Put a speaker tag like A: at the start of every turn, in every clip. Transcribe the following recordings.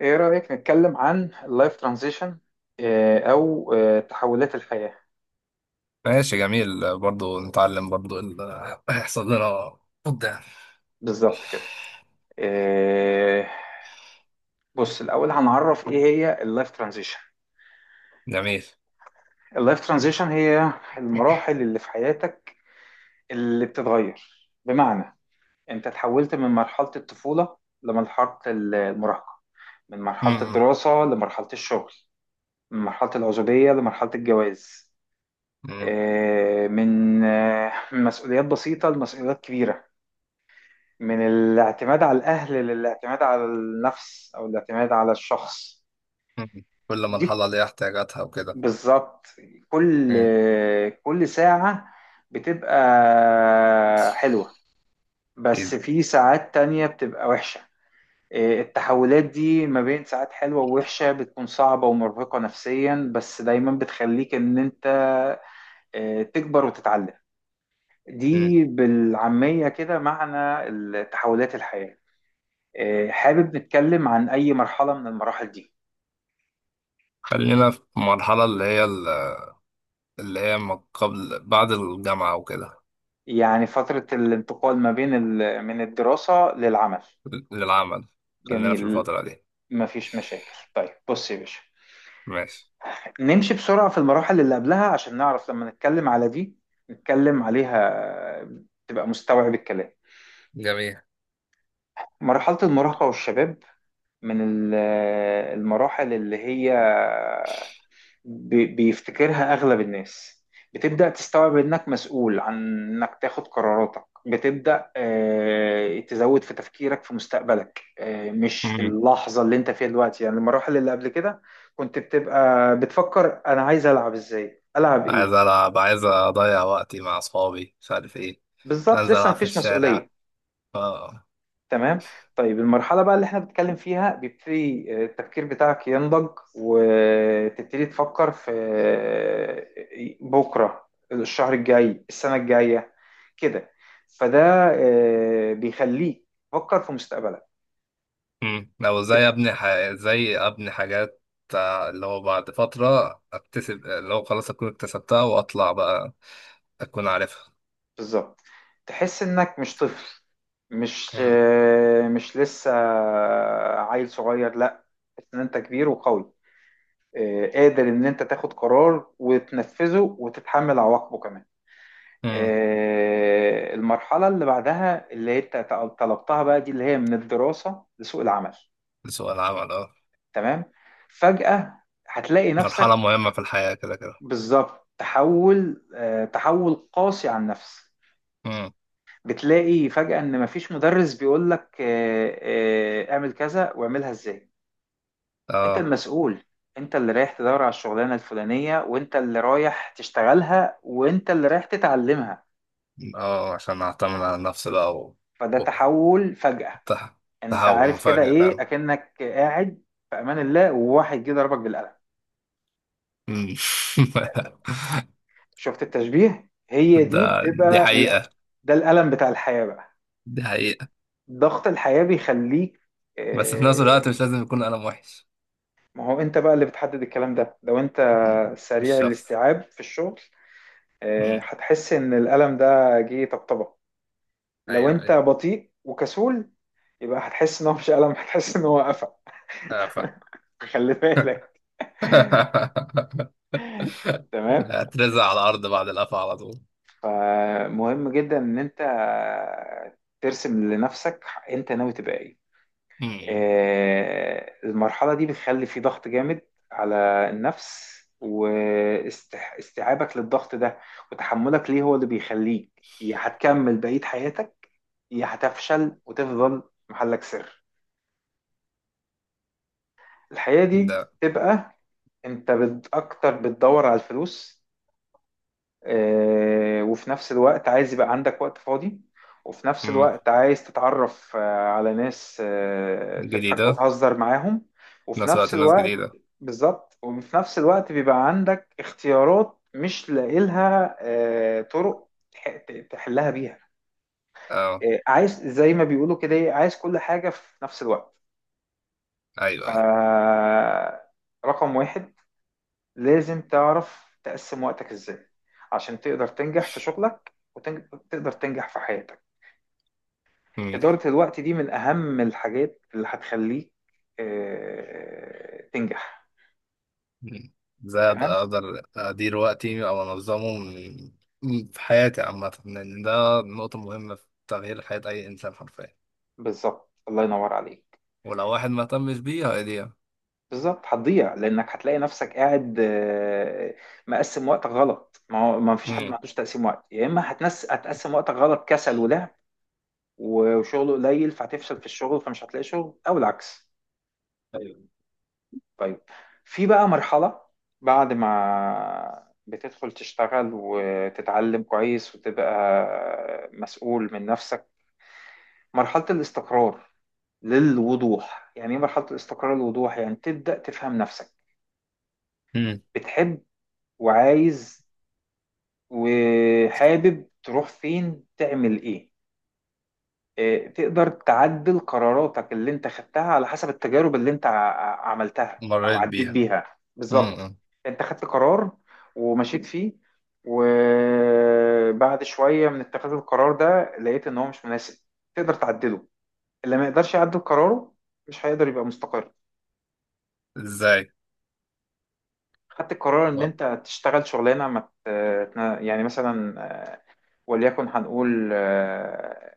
A: ايه رأيك نتكلم عن اللايف ترانزيشن او تحولات الحياة؟
B: ماشي، جميل. برضو نتعلم برضو اللي هيحصل لنا قدام.
A: بالظبط كده. آه، بص الاول هنعرف ايه هي اللايف ترانزيشن.
B: جميل.
A: اللايف ترانزيشن هي المراحل اللي في حياتك اللي بتتغير، بمعنى انت تحولت من مرحلة الطفولة لمرحلة المراهقة، من مرحلة
B: مم.
A: الدراسة لمرحلة الشغل، من مرحلة العزوبية لمرحلة الجواز،
B: مم.
A: من مسؤوليات بسيطة لمسؤوليات كبيرة، من الاعتماد على الأهل للاعتماد على النفس أو الاعتماد على الشخص.
B: مم. كل
A: دي
B: مرحلة ليها احتياجاتها وكده.
A: بالظبط. كل
B: مم.
A: كل ساعة بتبقى حلوة، بس
B: أكيد.
A: في ساعات تانية بتبقى وحشة. إيه، التحولات دي ما بين ساعات حلوة ووحشة بتكون صعبة ومرهقة نفسيا، بس دايما بتخليك إن أنت إيه، تكبر وتتعلم.
B: مم.
A: دي بالعامية كده معنى التحولات الحياة. حابب نتكلم عن أي مرحلة من المراحل دي؟
B: خلينا في المرحلة اللي هي ما قبل بعد الجامعة وكده.
A: يعني فترة الانتقال ما بين من الدراسة للعمل.
B: للعمل. خلينا في
A: جميل،
B: الفترة دي.
A: مفيش مشاكل. طيب بص يا باشا،
B: ماشي.
A: نمشي بسرعة في المراحل اللي قبلها عشان نعرف لما نتكلم على دي نتكلم عليها تبقى مستوعب الكلام.
B: جميل.
A: مرحلة المراهقة والشباب، من المراحل اللي هي بيفتكرها أغلب الناس، بتبدأ تستوعب إنك مسؤول عن إنك تاخد قراراتك، بتبدأ تزود في تفكيرك في مستقبلك، مش في
B: مم.
A: اللحظة اللي أنت فيها دلوقتي. يعني المراحل اللي قبل كده كنت بتبقى بتفكر أنا عايز ألعب، إزاي ألعب،
B: عايز
A: إيه.
B: ألعب، عايز أضيع وقتي مع أصحابي، مش عارف إيه.
A: بالظبط،
B: أنزل
A: لسه
B: ألعب في
A: مفيش
B: الشارع.
A: مسؤولية.
B: آه.
A: تمام. طيب المرحلة بقى اللي احنا بنتكلم فيها بيبتدي التفكير بتاعك ينضج، وتبتدي تفكر في بكرة، الشهر الجاي، السنة الجاية كده. فده بيخليك تفكر في مستقبلك.
B: مم. لو ازاي ابني
A: بتح-
B: ح... ازاي ابني حاجات، اللي هو بعد فترة اكتسب، اللي هو خلاص اكون اكتسبتها واطلع بقى، اكون عارفها.
A: بالظبط، تحس انك مش طفل، مش
B: مم.
A: آه، مش لسه عيل صغير. لا، تحس ان انت كبير وقوي، قادر ان انت تاخد قرار وتنفذه وتتحمل عواقبه كمان.
B: مم.
A: المرحلة اللي بعدها اللي هي طلبتها بقى دي اللي هي من الدراسة لسوق العمل.
B: سؤال عمل، اه.
A: تمام. فجأة هتلاقي
B: مرحلة
A: نفسك
B: مهمة في الحياة كده كده.
A: بالظبط، تحول قاسي عن نفسك.
B: مم.
A: بتلاقي فجأة ان مفيش مدرس بيقولك اعمل كذا واعملها ازاي. انت
B: اه.
A: المسؤول، انت اللي رايح تدور على الشغلانة الفلانية، وانت اللي رايح تشتغلها، وانت اللي رايح تتعلمها.
B: اه، عشان اعتمد على نفسي بقى
A: فده
B: و...
A: تحول فجأة.
B: ت-
A: انت
B: تحول
A: عارف كده،
B: مفاجئ فعلا.
A: ايه اكنك قاعد في امان الله وواحد جه ضربك بالقلم.
B: مم.
A: شفت التشبيه؟ هي دي
B: ده، دي
A: بتبقى
B: حقيقة،
A: ده الالم بتاع الحياه بقى.
B: دي حقيقة.
A: ضغط الحياه بيخليك
B: بس في نفس الوقت مش
A: آه،
B: لازم يكون قلم وحش.
A: ما هو انت بقى اللي بتحدد الكلام ده. لو انت
B: مم.
A: سريع
B: بالشخص.
A: الاستيعاب في الشغل،
B: مم.
A: هتحس ان الالم ده جه طبطبه. لو
B: ايوه،
A: انت
B: ايوه.
A: بطيء وكسول، يبقى هتحس ان هو مش الم، هتحس ان هو قفا.
B: فاهم.
A: خلي بالك. تمام.
B: هترزع على الأرض بعد القفا على طول.
A: فمهم جدا ان انت ترسم لنفسك انت ناوي تبقى ايه.
B: مم.
A: المرحلة دي بتخلي في ضغط جامد على النفس، واستيعابك للضغط ده وتحملك ليه هو اللي بيخليك يا هتكمل بقية حياتك، يا هتفشل وتفضل محلك سر. الحياة دي
B: ده.
A: تبقى انت اكتر بتدور على الفلوس، وفي نفس الوقت عايز يبقى عندك وقت فاضي، وفي نفس
B: مم.
A: الوقت عايز تتعرف على ناس تضحك
B: جديدة.
A: وتهزر معاهم،
B: في
A: وفي
B: نفس
A: نفس
B: الوقت ناس
A: الوقت
B: جديدة.
A: بالظبط. وفي نفس الوقت بيبقى عندك اختيارات مش لاقيلها طرق تحلها بيها.
B: اه.
A: عايز زي ما بيقولوا كده، إيه، عايز كل حاجة في نفس الوقت.
B: أيوه، أيوه.
A: ف- رقم واحد، لازم تعرف تقسم وقتك ازاي عشان تقدر تنجح في شغلك وتقدر تنجح في حياتك.
B: مم.
A: إدارة الوقت دي من أهم الحاجات اللي هتخليك تنجح.
B: مم. ازاي أقدر
A: تمام.
B: أقدر أدير وقتي أو أنظمه في حياتي عامة، لأن ده نقطة مهمة في تغيير حياة أي إنسان حرفيا.
A: بالظبط، الله ينور عليك.
B: ولو واحد ما اهتمش بيها هيضيع.
A: بالظبط، هتضيع لأنك هتلاقي نفسك قاعد مقسم وقتك غلط. ما هو ما فيش حد ما
B: مم.
A: عندوش تقسيم وقت، يا إما هتنس هتقسم وقتك غلط، كسل ولعب وشغله قليل فهتفشل في الشغل فمش هتلاقي شغل، أو العكس.
B: أيوه.
A: طيب، في بقى مرحلة بعد ما بتدخل تشتغل وتتعلم كويس وتبقى مسؤول من نفسك، مرحلة الاستقرار للوضوح. يعني ايه مرحلة الاستقرار للوضوح؟ يعني تبدأ تفهم نفسك،
B: مم.
A: بتحب وعايز وحابب تروح فين تعمل ايه. تقدر تعدل قراراتك اللي انت خدتها على حسب التجارب اللي انت عملتها او
B: مريت
A: عديت
B: بيها.
A: بيها،
B: مم.
A: بالظبط.
B: مم.
A: انت خدت قرار ومشيت فيه، وبعد شوية من اتخاذ القرار ده لقيت ان هو مش مناسب، تقدر تعدله. اللي ما يقدرش يعدل قراره مش هيقدر يبقى مستقر.
B: إزاي؟
A: خدت القرار ان
B: و-
A: انت تشتغل شغلانة ما يعني مثلا، وليكن هنقول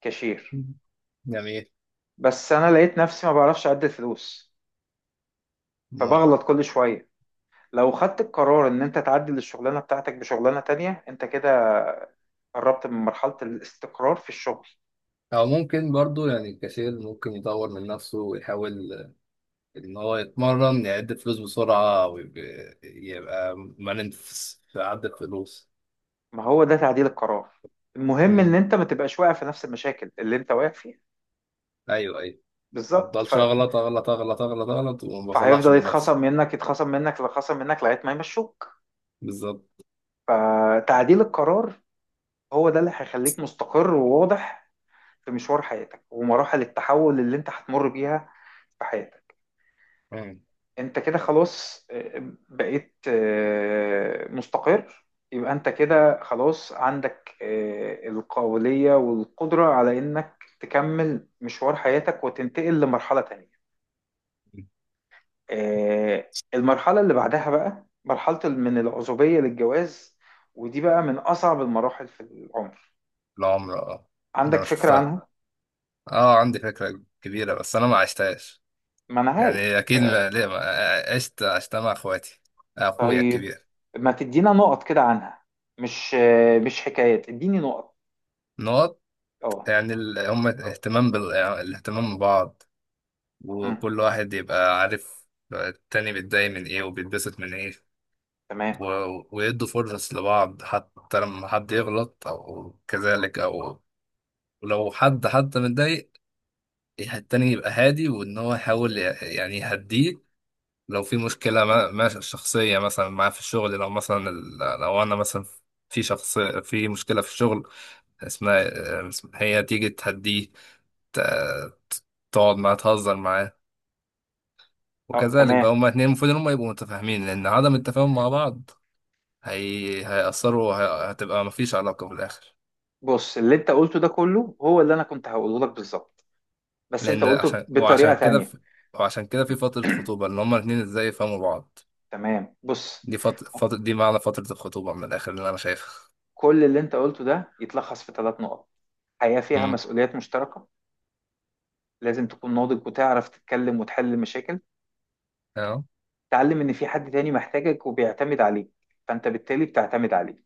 A: كاشير،
B: مم. جميل.
A: بس انا لقيت نفسي ما بعرفش اعدل فلوس فبغلط كل شوية. لو خدت القرار ان انت تعدل الشغلانه بتاعتك بشغلانه تانية، انت كده قربت من مرحله الاستقرار في الشغل.
B: أو ممكن برضو يعني الكاشير ممكن يطور من نفسه ويحاول إن هو يتمرن يعد فلوس بسرعة ويبقى مرن في عد الفلوس.
A: ما هو ده تعديل القرار، المهم ان
B: مم.
A: انت ما تبقاش واقع في نفس المشاكل اللي انت واقع فيها،
B: أيوه، أيوه. ما
A: بالظبط.
B: أفضلش أغلط أغلط أغلط أغلط أغلط وما بصلحش
A: فهيفضل
B: من
A: يتخصم
B: نفسي.
A: منك يتخصم منك يتخصم منك لغايه ما يمشوك.
B: بالظبط.
A: فتعديل القرار هو ده اللي هيخليك مستقر وواضح في مشوار حياتك ومراحل التحول اللي انت هتمر بيها في حياتك.
B: مم.
A: انت كده خلاص بقيت مستقر، يبقى انت كده خلاص عندك القابلية والقدرة على انك تكمل مشوار حياتك وتنتقل لمرحلة تانية. المرحلة اللي بعدها بقى مرحلة من العزوبية للجواز، ودي بقى من أصعب المراحل في العمر.
B: العمر، أه. ده
A: عندك
B: أنا
A: فكرة
B: شفتها.
A: عنها؟
B: أه، عندي فكرة كبيرة بس أنا ما عشتهاش.
A: ما أنا
B: يعني
A: عارف.
B: أكيد، ليه ما عشتها مع إخواتي، أخويا
A: طيب،
B: الكبير.
A: ما تدينا نقط كده عنها، مش مش حكايات، اديني نقط.
B: نقط.
A: اه،
B: يعني هم اهتمام الاهتمام ببعض،
A: مم،
B: وكل واحد يبقى عارف التاني بيتضايق من ايه وبيتبسط من ايه.
A: تمام.
B: ويدوا فرص لبعض حتى لما حد يغلط او كذلك او لو حد حتى متضايق، التاني يبقى هادي وان هو يحاول يعني يهديه. لو في مشكلة ما شخصية مثلا معاه في الشغل، لو مثلا لو انا مثلا في شخص في مشكلة في الشغل، اسمها هي تيجي تهديه، ت- تقعد معاه تهزر معاه.
A: اه،
B: وكذلك
A: تمام.
B: بقى هما اتنين المفروض ان هما يبقوا متفاهمين لان عدم التفاهم مع بعض هيأثروا، هتبقى مفيش علاقة في الآخر.
A: بص، اللي انت قلته ده كله هو اللي انا كنت هقوله لك بالظبط، بس انت
B: لأن
A: قلته
B: عشان
A: بطريقة
B: وعشان كده
A: تانية.
B: وعشان كده في فترة خطوبة ان هما الاتنين ازاي يفهموا بعض.
A: تمام. بص،
B: دي دي معنى فترة الخطوبة من الآخر اللي أنا شايفها.
A: كل اللي انت قلته ده يتلخص في ثلاث نقط: حياة فيها
B: امم،
A: مسؤوليات مشتركة، لازم تكون ناضج وتعرف تتكلم وتحل المشاكل،
B: اه.
A: تعلم ان في حد تاني محتاجك وبيعتمد عليك فانت بالتالي بتعتمد عليه.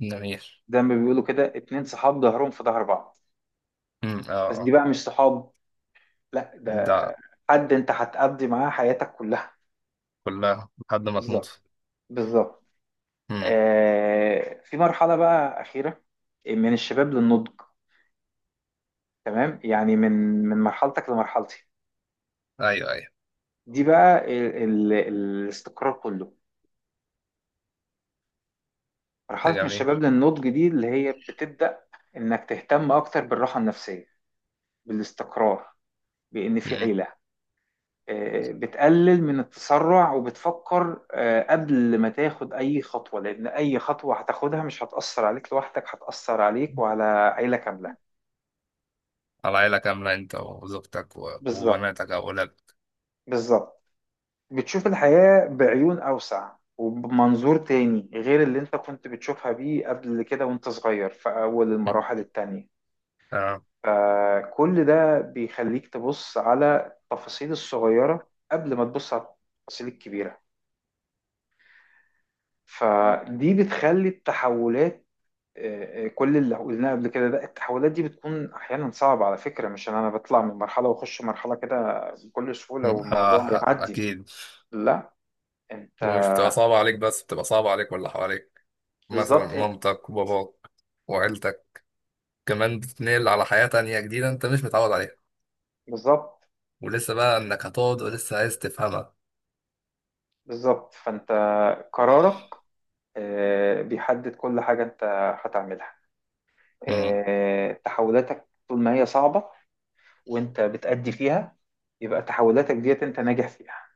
B: جميل.
A: زي ما بيقولوا كده، اتنين صحاب ظهرهم في ظهر بعض،
B: امم، اه،
A: بس دي
B: اه.
A: بقى مش صحاب، لا،
B: ده،
A: ده حد انت هتقضي معاه حياتك كلها.
B: كلها لحد ما
A: بالظبط.
B: تموت.
A: بالظبط.
B: امم.
A: في مرحلة بقى أخيرة من الشباب للنضج. تمام، يعني من مرحلتك لمرحلتي.
B: ايوه، ايوه.
A: دي بقى ال الاستقرار كله.
B: ده
A: مرحلة من
B: جميل.
A: الشباب للنضج دي اللي هي بتبدأ إنك تهتم أكتر بالراحة النفسية، بالاستقرار، بإن في
B: امم.
A: عيلة. بتقلل من التسرع وبتفكر قبل ما تاخد أي خطوة، لأن أي خطوة هتاخدها مش هتأثر عليك لوحدك هتأثر عليك وعلى عيلة كاملة.
B: على عيلة كاملة، انت وزوجتك
A: بالظبط.
B: وبناتك أو ولادك.
A: بالظبط. بتشوف الحياة بعيون أوسع وبمنظور تاني غير اللي انت كنت بتشوفها بيه قبل كده وانت صغير في أول
B: مم.
A: المراحل التانية.
B: اه.
A: فكل ده بيخليك تبص على التفاصيل الصغيرة قبل ما تبص على التفاصيل الكبيرة. فدي بتخلي التحولات كل اللي قلناه قبل كده، ده التحولات دي بتكون أحيانا صعبة على فكرة، مش إن أنا بطلع من مرحلة وأخش مرحلة كده بكل سهولة
B: مم.
A: والموضوع
B: اه،
A: يعدي.
B: اكيد.
A: لا، أنت
B: ومش بتبقى صعبة عليك بس بتبقى صعبة عليك واللي حواليك، مثلا
A: بالظبط، إيه
B: مامتك وباباك وعيلتك، كمان بتتنقل على حياة تانية جديدة انت مش متعود عليها.
A: بالظبط.
B: ولسه بقى انك هتقعد ولسه عايز تفهمها
A: بالظبط. فانت قرارك بيحدد كل حاجة انت هتعملها. تحولاتك طول ما هي صعبة وانت بتأدي فيها، يبقى تحولاتك ديت انت ناجح فيها.